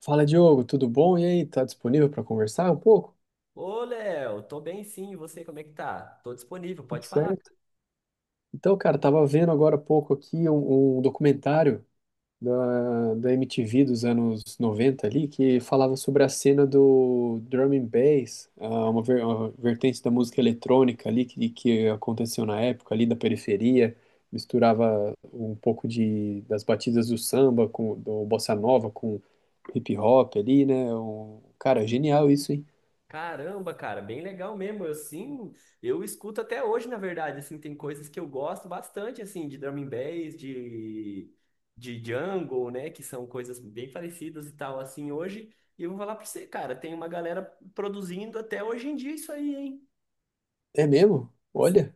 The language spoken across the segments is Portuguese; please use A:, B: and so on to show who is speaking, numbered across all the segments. A: Fala, Diogo, tudo bom? E aí, tá disponível para conversar um pouco?
B: Ô, Léo, tô bem sim, e você como é que tá? Tô disponível,
A: Tudo
B: pode falar.
A: certo? Então, cara, tava vendo agora há pouco aqui um documentário da MTV dos anos 90 ali, que falava sobre a cena do drum and bass, uma, uma vertente da música eletrônica ali que aconteceu na época ali da periferia, misturava um pouco de, das batidas do samba, com, do bossa nova com hip hop ali, né? Um, cara, genial isso, hein?
B: Caramba, cara, bem legal mesmo. Eu sim, eu escuto até hoje, na verdade, assim, tem coisas que eu gosto bastante, assim, de drum and bass, de jungle, né, que são coisas bem parecidas e tal, assim, hoje. E eu vou falar pra você, cara, tem uma galera produzindo até hoje em dia isso aí, hein?
A: É mesmo? Olha.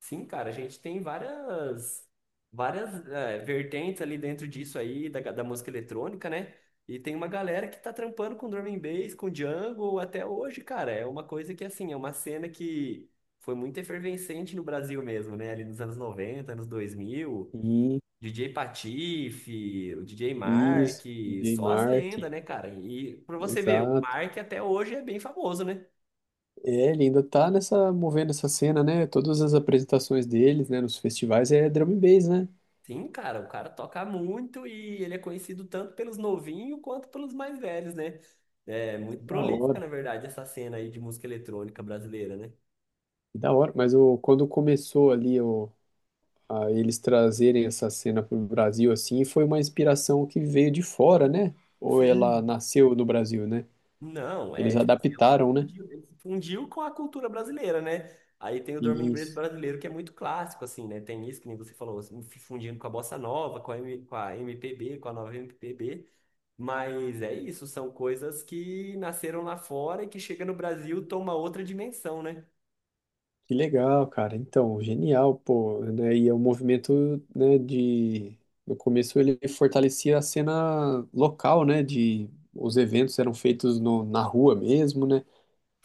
B: Sim, cara, a gente tem várias vertentes ali dentro disso aí, da música eletrônica, né? E tem uma galera que tá trampando com drum and bass, com jungle até hoje, cara. É uma coisa que, assim, é uma cena que foi muito efervescente no Brasil mesmo, né? Ali nos anos 90 anos 2000,
A: Sim,
B: DJ Patife, o DJ Mark,
A: isso, DJ
B: só as
A: Mark,
B: lendas, né, cara? E pra você ver, o
A: exato.
B: Mark até hoje é bem famoso, né?
A: É, ele ainda tá nessa, movendo essa cena, né? Todas as apresentações deles, né, nos festivais é drum and bass, né?
B: Sim, cara, o cara toca muito e ele é conhecido tanto pelos novinhos quanto pelos mais velhos, né? É muito
A: Da
B: prolífica,
A: hora,
B: na verdade, essa cena aí de música eletrônica brasileira, né?
A: da hora. Mas o, quando começou ali o, a eles trazerem essa cena pro Brasil, assim, foi uma inspiração que veio de fora, né? Ou ela
B: Sim.
A: nasceu no Brasil, né?
B: Não, é,
A: Eles
B: tipo assim, ele se
A: adaptaram, né?
B: fundiu, ele se fundiu com a cultura brasileira, né? Aí tem o Drum and Bass
A: Isso.
B: brasileiro, que é muito clássico, assim, né? Tem isso que nem você falou, assim, se fundindo com a bossa nova, com a MPB, com a nova MPB. Mas é isso, são coisas que nasceram lá fora e que chega no Brasil, toma outra dimensão, né?
A: Que legal, cara. Então, genial, pô, né? E é um movimento, né, de... No começo ele fortalecia a cena local, né, de... Os eventos eram feitos na rua mesmo, né?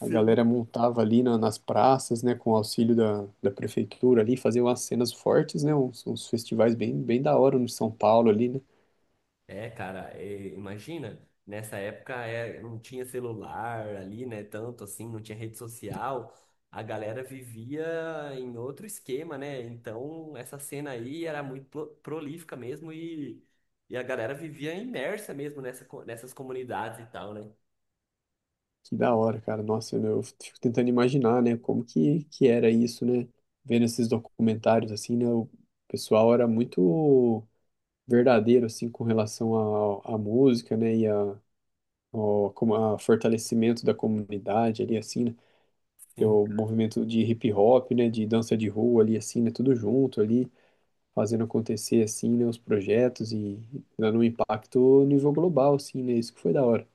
A: A galera montava ali nas praças, né, com o auxílio da prefeitura ali, fazia umas cenas fortes, né? Uns, uns festivais bem, bem da hora no São Paulo ali, né?
B: É, cara, imagina, nessa época não tinha celular ali, né? Tanto assim, não tinha rede social, a galera vivia em outro esquema, né? Então, essa cena aí era muito prolífica mesmo e a galera vivia imersa mesmo nessas comunidades e tal, né?
A: Que da hora, cara. Nossa, eu fico tentando imaginar, né, como que era isso, né? Vendo esses documentários, assim, né? O pessoal era muito verdadeiro assim com relação à música, né, e a, ao, como a fortalecimento da comunidade ali assim, né, que é
B: Sim.
A: o movimento de hip hop, né, de dança de rua ali assim, né, tudo junto ali, fazendo acontecer assim, né, os projetos e dando um impacto a nível global assim, né, isso que foi da hora.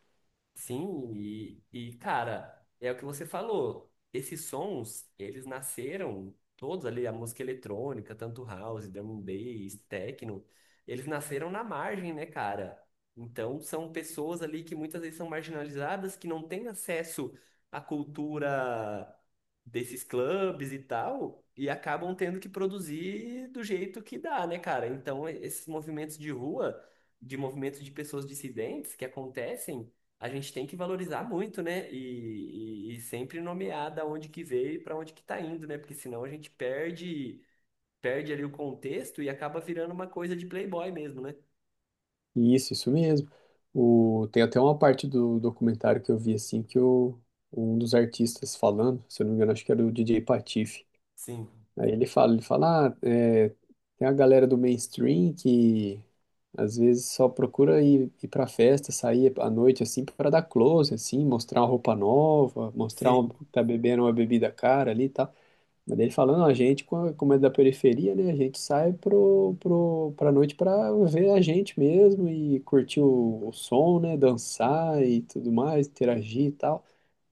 B: Sim, e cara, é o que você falou. Esses sons, eles nasceram todos ali, a música eletrônica, tanto house, drum and bass, techno, eles nasceram na margem, né, cara? Então, são pessoas ali que muitas vezes são marginalizadas, que não têm acesso à cultura desses clubes e tal, e acabam tendo que produzir do jeito que dá, né, cara? Então, esses movimentos de rua, de movimentos de pessoas dissidentes que acontecem a gente tem que valorizar muito, né? E sempre nomear da onde que veio e para onde que tá indo, né? Porque senão a gente perde ali o contexto e acaba virando uma coisa de playboy mesmo, né?
A: E isso mesmo. O, tem até uma parte do documentário que eu vi assim que o um dos artistas falando, se eu não me engano, acho que era o DJ Patife.
B: Sim.
A: Aí ele fala, ah, é, tem a galera do mainstream que às vezes só procura ir pra festa, sair à noite assim para dar close, assim, mostrar uma roupa nova, mostrar uma,
B: Sim.
A: tá bebendo uma bebida cara ali e tal. Mas daí ele falando, a gente, como é da periferia, né, a gente sai pra noite pra ver a gente mesmo e curtir o som, né, dançar e tudo mais, interagir e tal.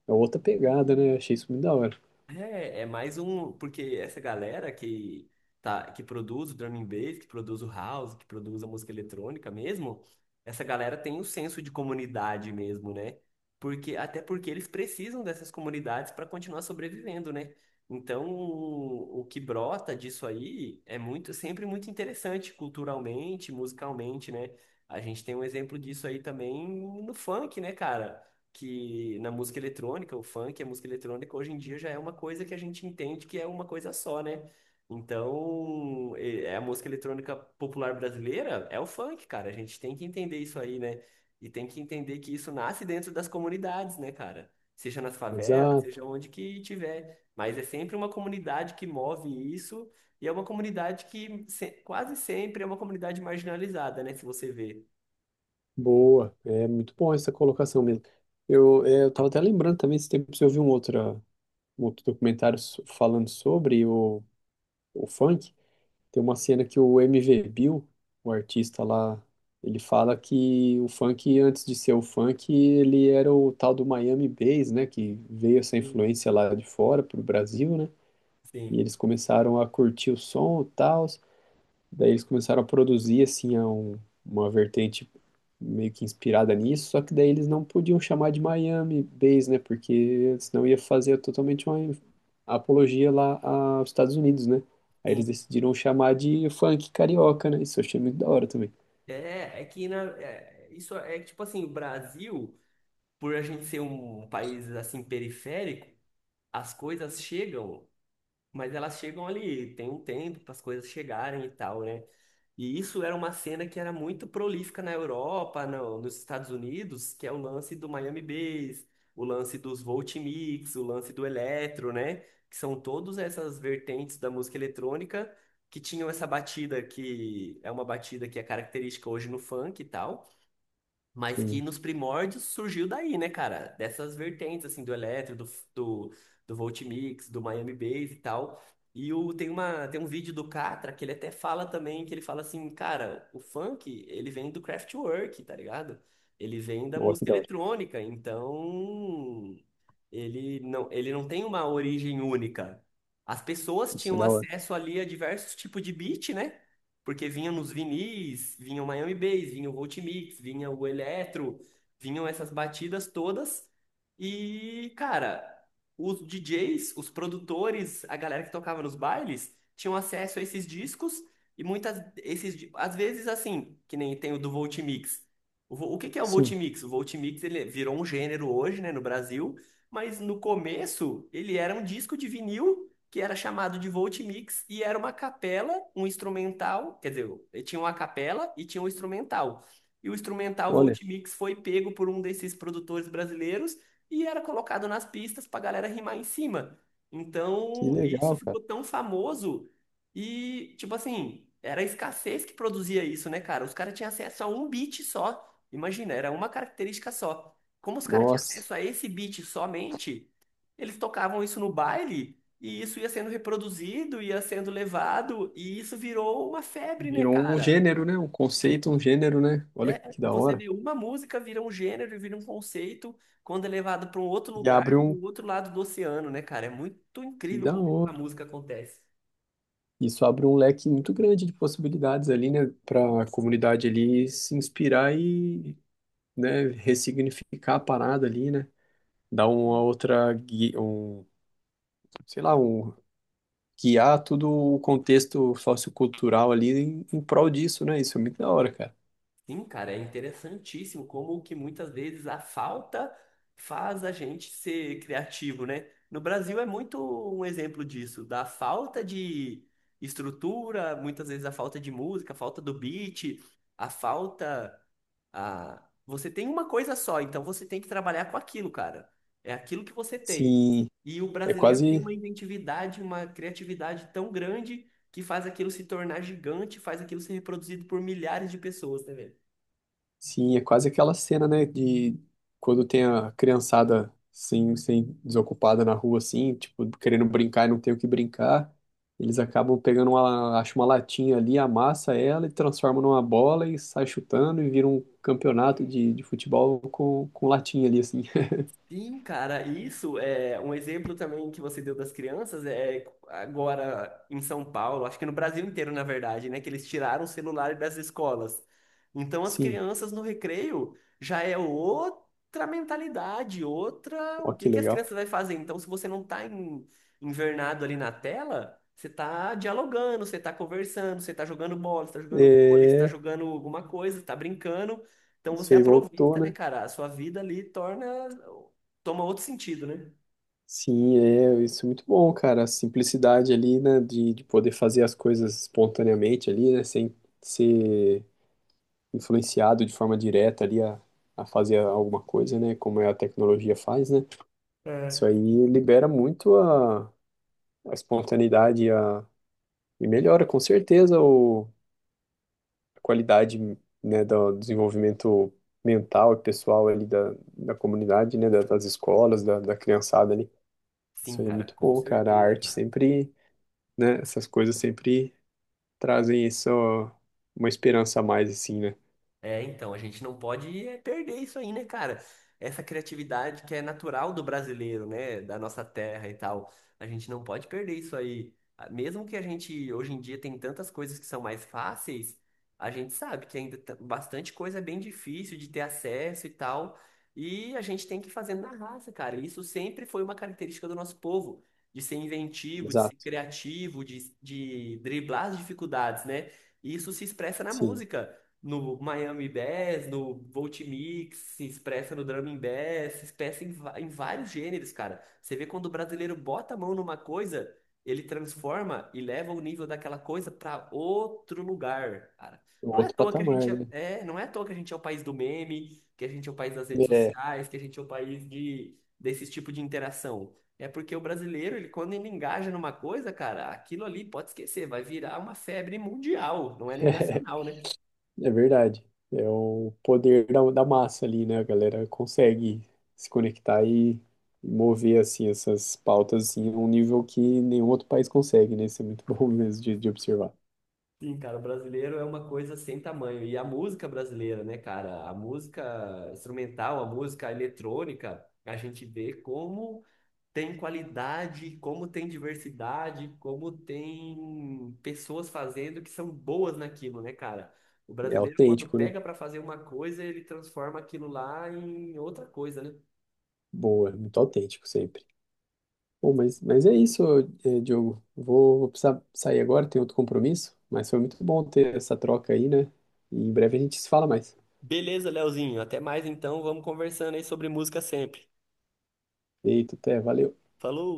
A: É outra pegada, né? Achei isso muito da hora.
B: É mais um, porque essa galera que produz o drum and bass, que produz o house, que produz a música eletrônica mesmo, essa galera tem um senso de comunidade mesmo, né? Porque até porque eles precisam dessas comunidades para continuar sobrevivendo, né? Então, o que brota disso aí é muito, sempre muito interessante culturalmente, musicalmente, né? A gente tem um exemplo disso aí também no funk, né, cara? Que na música eletrônica, o funk, a música eletrônica, hoje em dia já é uma coisa que a gente entende que é uma coisa só, né? Então, é a música eletrônica popular brasileira é o funk, cara. A gente tem que entender isso aí, né? E tem que entender que isso nasce dentro das comunidades, né, cara? Seja nas favelas,
A: Exato.
B: seja onde que tiver. Mas é sempre uma comunidade que move isso, e é uma comunidade que se- quase sempre é uma comunidade marginalizada, né? Se você vê.
A: Boa, é muito bom essa colocação mesmo. Eu, é, eu tava até lembrando também, esse tempo eu vi um outro documentário falando sobre o funk. Tem uma cena que o MV Bill, o artista lá, ele fala que o funk, antes de ser o funk, ele era o tal do Miami Bass, né? Que veio essa
B: Sim,
A: influência lá de fora pro Brasil, né? E
B: sim.
A: eles começaram a curtir o som e tal. Daí eles começaram a produzir assim uma vertente meio que inspirada nisso, só que daí eles não podiam chamar de Miami Bass, né? Porque senão ia fazer totalmente uma apologia lá aos Estados Unidos, né? Aí eles
B: Sim.
A: decidiram chamar de funk carioca, né? Isso eu achei muito da hora também.
B: É que isso é que, tipo assim, o Brasil, por a gente ser um país assim periférico, as coisas chegam, mas elas chegam ali, tem um tempo para as coisas chegarem e tal, né? E isso era uma cena que era muito prolífica na Europa, nos Estados Unidos, que é o lance do Miami Bass, o lance dos Voltimix, o lance do eletro, né? Que são todas essas vertentes da música eletrônica que tinham essa batida que é uma batida que é característica hoje no funk e tal. Mas que
A: Sim.
B: nos primórdios surgiu daí, né, cara? Dessas vertentes, assim, do eletro, do, do, do Voltimix, do Miami Bass e tal. E tem um vídeo do Catra que ele até fala também, que ele fala assim, cara, o funk, ele vem do Kraftwerk, tá ligado? Ele vem da
A: Ó, que
B: música
A: da hora.
B: eletrônica, então... Ele não tem uma origem única. As pessoas
A: Isso é
B: tinham
A: da hora.
B: acesso ali a diversos tipos de beat, né? Porque vinham nos vinis, vinha o Miami Bass, vinha o Voltimix, vinha o Eletro, vinham essas batidas todas. E, cara, os DJs, os produtores, a galera que tocava nos bailes, tinham acesso a esses discos e muitas às vezes assim, que nem tem o do Voltimix. O que que é o
A: Sim.
B: Voltimix? O Voltimix ele virou um gênero hoje, né, no Brasil, mas no começo, ele era um disco de vinil que era chamado de Voltimix e era uma capela, um instrumental, quer dizer, ele tinha uma capela e tinha um instrumental. E o instrumental
A: Olha,
B: Voltimix foi pego por um desses produtores brasileiros e era colocado nas pistas pra galera rimar em cima.
A: que
B: Então, isso
A: legal, cara.
B: ficou tão famoso e, tipo assim, era a escassez que produzia isso, né, cara? Os caras tinham acesso a um beat só. Imagina, era uma característica só. Como os caras tinham
A: Nossa,
B: acesso a esse beat somente, eles tocavam isso no baile e isso ia sendo reproduzido, ia sendo levado e isso virou uma febre, né,
A: virou um
B: cara?
A: gênero, né? Um conceito, um gênero, né? Olha
B: É,
A: que da
B: você
A: hora.
B: vê uma música vira um gênero, vira um conceito, quando é levado para um outro
A: E
B: lugar,
A: abre um.
B: do outro lado do oceano, né, cara? É muito
A: Que
B: incrível
A: da
B: como a
A: hora.
B: música acontece.
A: Isso abre um leque muito grande de possibilidades ali, né, para a comunidade ali se inspirar e, né, ressignificar a parada ali, né, dar uma outra, sei lá, um, guiar todo o contexto sociocultural ali em, em prol disso, né, isso é muito da hora, cara.
B: Sim, cara, é interessantíssimo como que muitas vezes a falta faz a gente ser criativo, né? No Brasil é muito um exemplo disso, da falta de estrutura, muitas vezes a falta de música, a falta do beat, a falta a você tem uma coisa só, então você tem que trabalhar com aquilo, cara. É aquilo que você tem.
A: Sim,
B: E o
A: é
B: brasileiro tem
A: quase
B: uma inventividade, uma criatividade tão grande que faz aquilo se tornar gigante, faz aquilo ser reproduzido por milhares de pessoas, né, velho?
A: Sim, é quase aquela cena, né, de quando tem a criançada sem desocupada na rua, assim, tipo, querendo brincar e não tem o que brincar. Eles acabam pegando uma, acho uma latinha ali, amassa ela e transforma numa bola e sai chutando e vira um campeonato de futebol com latinha ali, assim.
B: Sim, cara, isso é um exemplo também que você deu das crianças agora em São Paulo, acho que no Brasil inteiro, na verdade, né, que eles tiraram o celular das escolas. Então as
A: Sim,
B: crianças no recreio já é outra mentalidade, outra, o
A: ó
B: que
A: que
B: que as
A: legal.
B: crianças vai fazer? Então se você não tá invernado ali na tela, você tá dialogando, você tá conversando, você tá jogando bola, você tá jogando vôlei, você tá
A: É,
B: jogando alguma coisa, você tá brincando. Então
A: isso
B: você
A: aí voltou,
B: aproveita, né,
A: né?
B: cara? A sua vida ali torna toma outro sentido, né?
A: Sim, é, isso é muito bom, cara. A simplicidade ali, né, de poder fazer as coisas espontaneamente ali, né, sem ser influenciado de forma direta ali a fazer alguma coisa, né? Como é a tecnologia faz, né? Isso
B: É.
A: aí libera muito a espontaneidade a, e melhora com certeza o, a qualidade, né, do desenvolvimento mental e pessoal ali da comunidade, né? Das escolas, da criançada ali. Isso
B: Sim,
A: aí é
B: cara,
A: muito
B: com
A: bom, cara. A
B: certeza,
A: arte
B: cara.
A: sempre, né? Essas coisas sempre trazem isso, ó, uma esperança a mais, assim, né?
B: É, então, a gente não pode perder isso aí, né, cara? Essa criatividade que é natural do brasileiro, né? Da nossa terra e tal. A gente não pode perder isso aí. Ah, mesmo que a gente, hoje em dia, tem tantas coisas que são mais fáceis, a gente sabe que ainda bastante coisa é bem difícil de ter acesso e tal. E a gente tem que ir fazendo na raça, cara. Isso sempre foi uma característica do nosso povo, de ser inventivo, de ser
A: Exato.
B: criativo, de driblar as dificuldades, né? E isso se expressa na
A: Sim.
B: música, no Miami Bass, no Volt Mix, se expressa no Drum and Bass, se expressa em vários gêneros, cara. Você vê quando o brasileiro bota a mão numa coisa, ele transforma e leva o nível daquela coisa para outro lugar, cara.
A: Um
B: Não é à
A: outro
B: toa que a
A: patamar,
B: gente
A: né?
B: não é à toa que a gente é o país do meme, que a gente é o país das redes
A: É,
B: sociais, que a gente é o país de desse tipo de interação. É porque o brasileiro, ele quando ele engaja numa coisa, cara, aquilo ali pode esquecer, vai virar uma febre mundial, não é nem nacional, né?
A: é verdade. É o poder da massa ali, né? A galera consegue se conectar e mover assim essas pautas assim, a um nível que nenhum outro país consegue, né? Isso é muito bom mesmo de observar.
B: Sim, cara, o brasileiro é uma coisa sem tamanho. E a música brasileira, né, cara? A música instrumental, a música eletrônica, a gente vê como tem qualidade, como tem diversidade, como tem pessoas fazendo que são boas naquilo, né, cara? O
A: É
B: brasileiro, quando
A: autêntico, né?
B: pega pra fazer uma coisa, ele transforma aquilo lá em outra coisa, né?
A: Boa, é muito autêntico sempre. Bom, mas é isso, Diogo. Vou precisar sair agora, tenho outro compromisso, mas foi muito bom ter essa troca aí, né? E em breve a gente se fala mais.
B: Beleza, Leozinho. Até mais então. Vamos conversando aí sobre música sempre.
A: Eita, até, valeu.
B: Falou!